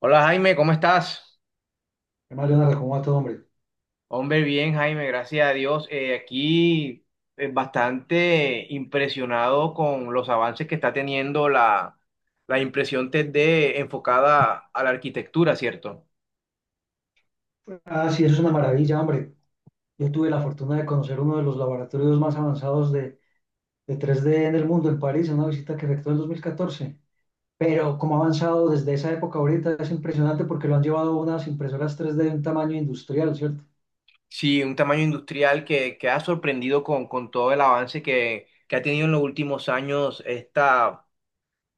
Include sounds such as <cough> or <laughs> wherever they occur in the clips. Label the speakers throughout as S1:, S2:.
S1: Hola Jaime, ¿cómo estás?
S2: Además, Leonardo, ¿cómo va todo, hombre?
S1: Hombre, bien Jaime, gracias a Dios. Aquí bastante impresionado con los avances que está teniendo la impresión 3D enfocada a la arquitectura, ¿cierto?
S2: Ah, sí, eso es una maravilla, hombre. Yo tuve la fortuna de conocer uno de los laboratorios más avanzados de tres d en el mundo, en París, en una visita que efectué en 2014. Pero como ha avanzado desde esa época ahorita, es impresionante porque lo han llevado a unas impresoras tres d de un tamaño industrial, ¿cierto?
S1: Sí, un tamaño industrial que ha sorprendido con todo el avance que ha tenido en los últimos años esta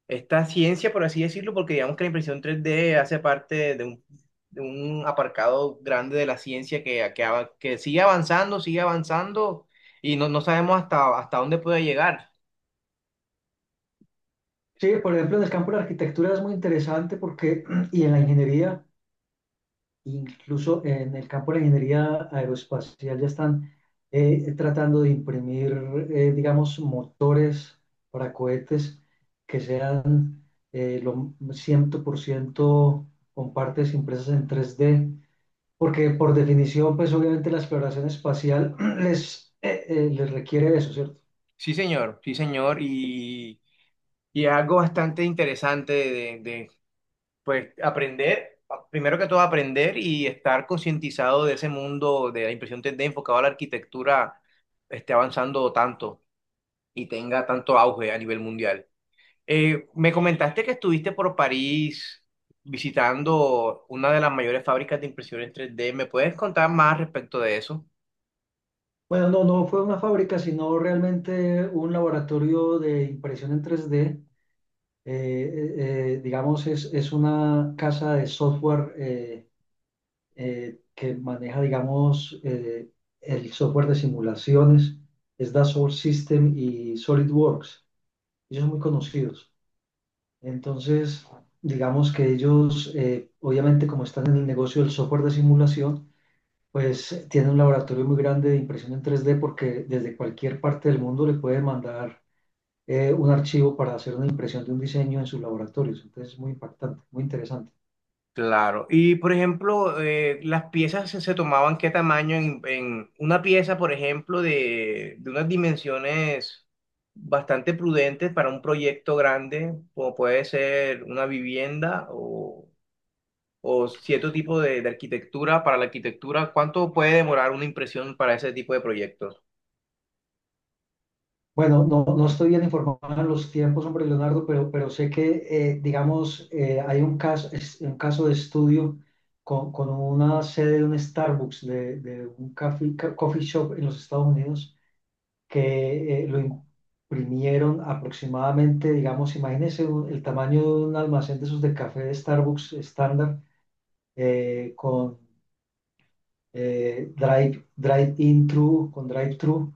S1: esta ciencia, por así decirlo, porque digamos que la impresión 3D hace parte de un aparcado grande de la ciencia que sigue avanzando y no sabemos hasta dónde puede llegar.
S2: Sí, por ejemplo, en el campo de la arquitectura es muy interesante porque, <clears throat> y en la ingeniería, incluso en el campo de la ingeniería aeroespacial ya están tratando de imprimir, digamos, motores para cohetes que sean lo 100% con partes impresas en 3D, porque por definición, pues obviamente la exploración espacial <clears throat> les requiere eso, ¿cierto?
S1: Sí, señor, y es algo bastante interesante pues, aprender, primero que todo aprender y estar concientizado de ese mundo de la impresión 3D enfocado a la arquitectura esté avanzando tanto y tenga tanto auge a nivel mundial. Me comentaste que estuviste por París visitando una de las mayores fábricas de impresión en 3D. ¿Me puedes contar más respecto de eso?
S2: Bueno, no, no fue una fábrica, sino realmente un laboratorio de impresión en 3D digamos, es una casa de software que maneja, digamos, el software de simulaciones, es Dassault System y SolidWorks. Ellos son muy conocidos. Entonces, digamos que ellos, obviamente, como están en el negocio del software de simulación, pues tienen un laboratorio muy grande de impresión en tres d porque desde cualquier parte del mundo le pueden mandar un archivo para hacer una impresión de un diseño en sus laboratorios. Entonces es muy impactante, muy interesante.
S1: Claro. Y por ejemplo, las piezas se tomaban qué tamaño en una pieza, por ejemplo, de unas dimensiones bastante prudentes para un proyecto grande, como puede ser una vivienda o cierto tipo de arquitectura. Para la arquitectura, ¿cuánto puede demorar una impresión para ese tipo de proyectos?
S2: Bueno, no, no estoy bien informado en los tiempos, hombre, Leonardo, pero sé que, digamos, hay un caso, un caso de estudio con una sede de un Starbucks, de un coffee shop en los Estados Unidos, que lo imprimieron aproximadamente, digamos, imagínense el tamaño de un almacén de esos de café de Starbucks estándar, con drive, drive-in thru con drive-thru,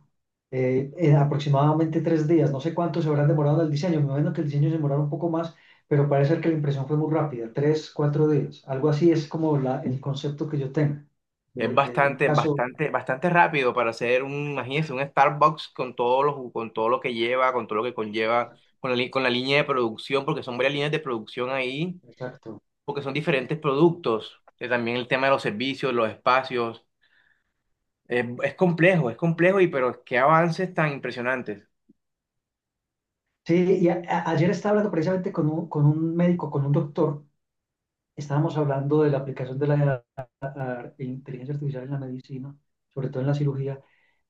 S2: en aproximadamente tres días. No sé cuánto se habrán demorado en el diseño. Me imagino que el diseño se demorará un poco más, pero parece ser que la impresión fue muy rápida, tres, cuatro días. Algo así es como el concepto que yo tengo
S1: Es
S2: de un caso.
S1: bastante rápido para hacer un, imagínense, un Starbucks con con todo lo que lleva, con todo lo que conlleva,
S2: Exacto,
S1: con con la línea de producción, porque son varias líneas de producción ahí,
S2: exacto.
S1: porque son diferentes productos. También el tema de los servicios, los espacios. Es complejo, es complejo, y pero qué avances tan impresionantes.
S2: Sí, y ayer estaba hablando precisamente con un médico, con un doctor. Estábamos hablando de la aplicación de la de inteligencia artificial en la medicina, sobre todo en la cirugía,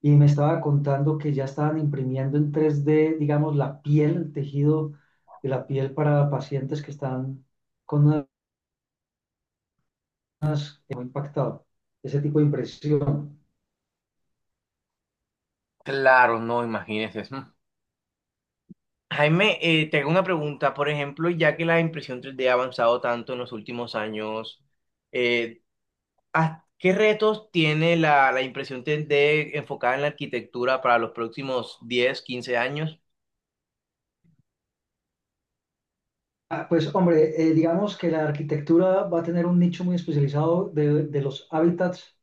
S2: y me estaba contando que ya estaban imprimiendo en 3D, digamos, la piel, el tejido de la piel para pacientes que están con un impactado, ese tipo de impresión.
S1: Claro, no, imagínense. Mm. <laughs> Jaime, te hago una pregunta. Por ejemplo, ya que la impresión 3D ha avanzado tanto en los últimos años, eh, ¿Qué retos tiene la impresión 3D enfocada en la arquitectura para los próximos 10 15 años?
S2: Ah, pues hombre, digamos que la arquitectura va a tener un nicho muy especializado de los hábitats.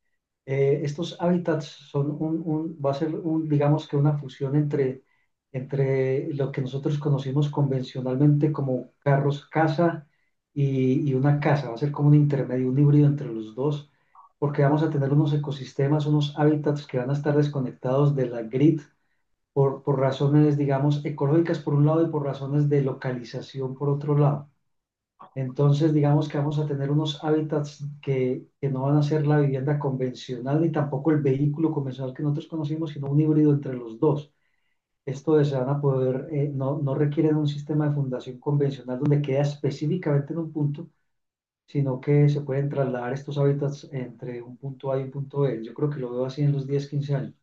S2: Estos hábitats son va a ser un, digamos que una fusión entre, entre lo que nosotros conocimos convencionalmente como carros casa y una casa. Va a ser como un intermedio, un híbrido entre los dos, porque vamos a tener unos ecosistemas, unos hábitats que van a estar desconectados de la grid por razones, digamos, ecológicas por un lado y por razones de localización por otro lado. Entonces, digamos que vamos a tener unos hábitats que no van a ser la vivienda convencional ni tampoco el vehículo convencional que nosotros conocimos, sino un híbrido entre los dos. Esto es, se van a poder, no, no requieren un sistema de fundación convencional donde queda específicamente en un punto, sino que se pueden trasladar estos hábitats entre un punto A y un punto B. Yo creo que lo veo así en los 10 15 años.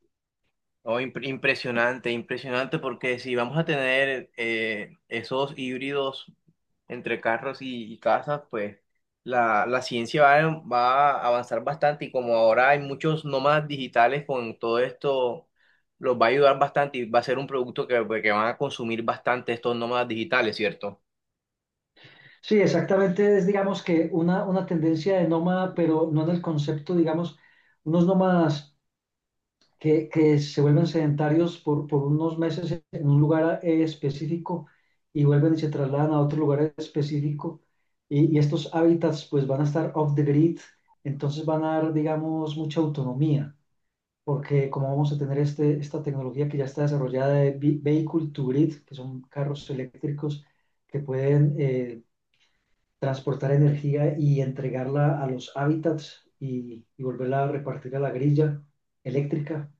S1: Oh, impresionante, impresionante, porque si vamos a tener esos híbridos entre carros y casas, pues la ciencia va a avanzar bastante y como ahora hay muchos nómadas digitales con todo esto, los va a ayudar bastante y va a ser un producto que, pues, que van a consumir bastante estos nómadas digitales, ¿cierto?
S2: Sí, exactamente, es digamos que una tendencia de nómada, pero no en el concepto, digamos, unos nómadas que se vuelven sedentarios por unos meses en un lugar específico y vuelven y se trasladan a otro lugar específico y estos hábitats pues van a estar off the grid, entonces van a dar, digamos, mucha autonomía, porque como vamos a tener este, esta tecnología que ya está desarrollada de vehicle to grid, que son carros eléctricos que pueden transportar energía y entregarla a los hábitats y volverla a repartir a la grilla eléctrica,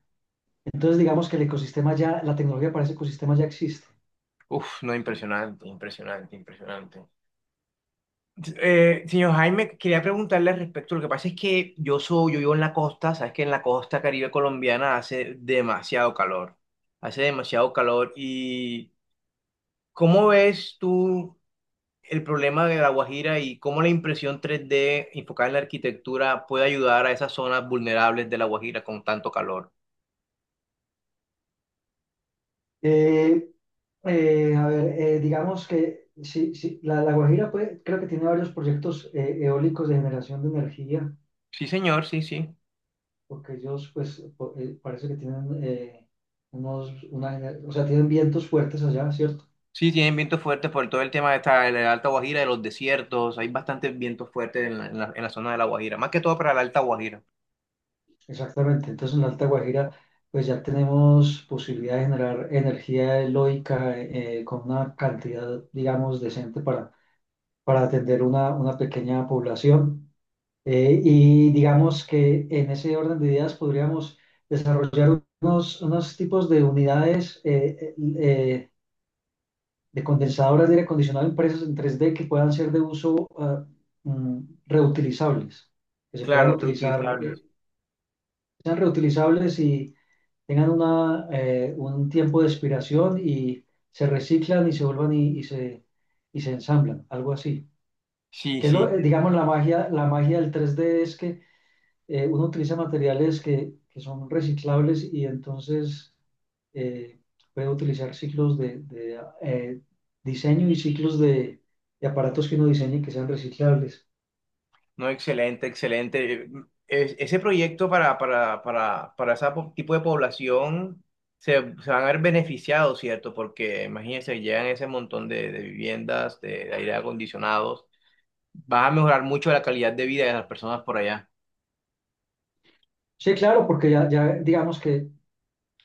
S2: entonces, digamos que el ecosistema ya, la tecnología para ese ecosistema ya existe.
S1: Uf, no, impresionante, impresionante, impresionante. Señor Jaime, quería preguntarle al respecto. Lo que pasa es que yo soy, yo vivo en la costa, sabes que en la costa Caribe colombiana hace demasiado calor, hace demasiado calor. ¿Y cómo ves tú el problema de La Guajira y cómo la impresión 3D enfocada en la arquitectura puede ayudar a esas zonas vulnerables de La Guajira con tanto calor?
S2: Eh, a ver, digamos que sí, sí, la Guajira creo que tiene varios proyectos eólicos de generación de energía,
S1: Sí, señor, sí, sí.
S2: porque ellos pues parece que tienen unos, una, o sea, tienen vientos fuertes allá, ¿cierto?
S1: Sí, tienen vientos fuertes por todo el tema de esta, de la Alta Guajira, de los desiertos. Hay bastantes vientos fuertes en la, en la en la zona de La Guajira, más que todo para la Alta Guajira.
S2: Exactamente. Entonces en la Alta Guajira pues ya tenemos posibilidad de generar energía eólica con una cantidad, digamos, decente para atender una pequeña población. Y digamos que en ese orden de ideas podríamos desarrollar unos, unos tipos de unidades de condensadoras de aire acondicionado impresas en 3D que puedan ser de uso mm, reutilizables, que se puedan
S1: Claro,
S2: utilizar,
S1: reutilizables.
S2: sean reutilizables y tengan una, un tiempo de expiración y se reciclan y se vuelvan y se ensamblan, algo así.
S1: Sí,
S2: Que es
S1: sí.
S2: lo, digamos, la magia del 3D es que uno utiliza materiales que son reciclables y entonces eh, puede utilizar ciclos de diseño y ciclos de aparatos que uno diseñe que sean reciclables.
S1: No, excelente, excelente. Ese proyecto para ese tipo de población se, se van a ver beneficiados, ¿cierto? Porque imagínense, llegan ese montón de viviendas, de aire acondicionados. Van a mejorar mucho la calidad de vida de las personas por allá.
S2: Sí, claro, porque ya, ya digamos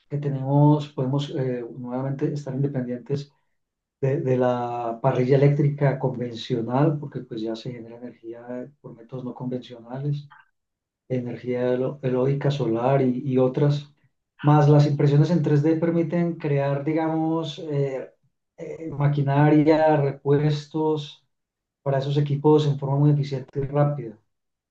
S2: que tenemos, podemos nuevamente estar independientes de la parrilla eléctrica convencional, porque pues ya se genera energía por métodos no convencionales. Energía eólica, solar y otras. Más las impresiones en 3D permiten crear, digamos, maquinaria, repuestos para esos equipos en forma muy eficiente y rápida.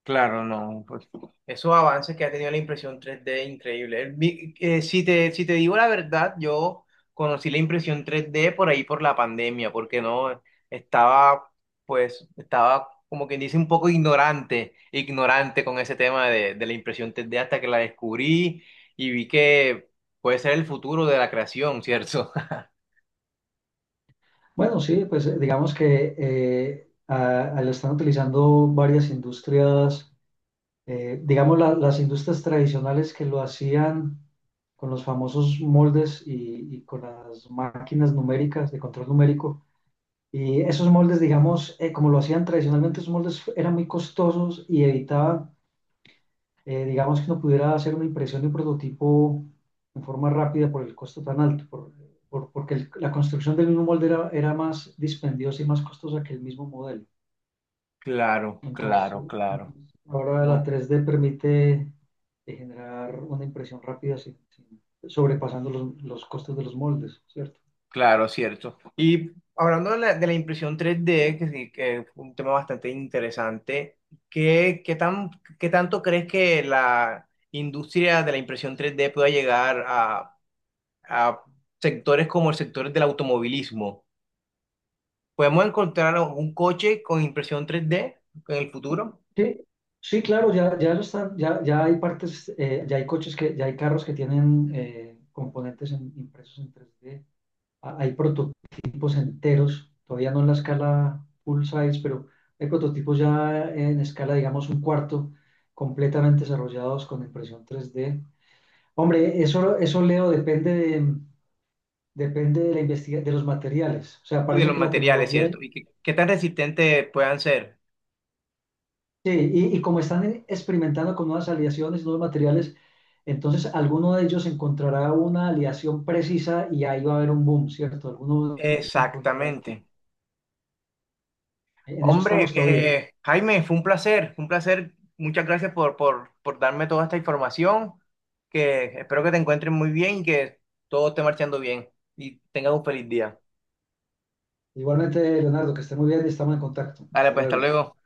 S1: Claro, no, pues esos avances que ha tenido la impresión 3D increíble. Si te digo la verdad, yo conocí la impresión 3D por ahí por la pandemia, porque no estaba, pues, estaba como quien dice un poco ignorante, ignorante con ese tema de la impresión 3D hasta que la descubrí y vi que puede ser el futuro de la creación, ¿cierto? <laughs>
S2: Bueno, sí, pues digamos que lo están utilizando varias industrias, digamos las industrias tradicionales que lo hacían con los famosos moldes y con las máquinas numéricas de control numérico. Y esos moldes, digamos, como lo hacían tradicionalmente, esos moldes eran muy costosos y evitaban, digamos, que no pudiera hacer una impresión de un prototipo en forma rápida por el costo tan alto, porque la construcción del mismo molde era, era más dispendiosa y más costosa que el mismo modelo.
S1: Claro, claro,
S2: Entonces,
S1: claro.
S2: entonces, ahora la
S1: No.
S2: 3D permite generar una impresión rápida sobrepasando los costos de los moldes, ¿cierto?
S1: Claro, cierto. Y hablando de la impresión 3D, que, sí, que es un tema bastante interesante, ¿qué, qué tan, ¿qué tanto crees que la industria de la impresión 3D pueda llegar a sectores como el sector del automovilismo? ¿Podemos encontrar un coche con impresión 3D en el futuro?
S2: Sí, sí, claro, ya, ya lo están, ya, ya hay partes, ya hay coches que, ya hay carros que tienen componentes impresos en 3D. Hay prototipos enteros, todavía no en la escala full size, pero hay prototipos ya en escala, digamos, un cuarto, completamente desarrollados con impresión 3D. Hombre, eso Leo, depende de la de los materiales. O sea,
S1: Y de
S2: parece
S1: los
S2: que la
S1: materiales,
S2: tecnología.
S1: ¿cierto? ¿Y qué tan resistentes puedan ser?
S2: Sí, y como están experimentando con nuevas aleaciones, nuevos materiales, entonces alguno de ellos encontrará una aleación precisa y ahí va a haber un boom, ¿cierto? Alguno encontrará el
S1: Exactamente.
S2: que... En eso
S1: Hombre,
S2: estamos todavía.
S1: Jaime, fue un placer, fue un placer. Muchas gracias por darme toda esta información, que espero que te encuentres muy bien y que todo esté marchando bien y tengas un feliz día.
S2: Igualmente, Leonardo, que esté muy bien y estamos en contacto.
S1: Dale,
S2: Hasta
S1: pues hasta
S2: luego.
S1: luego.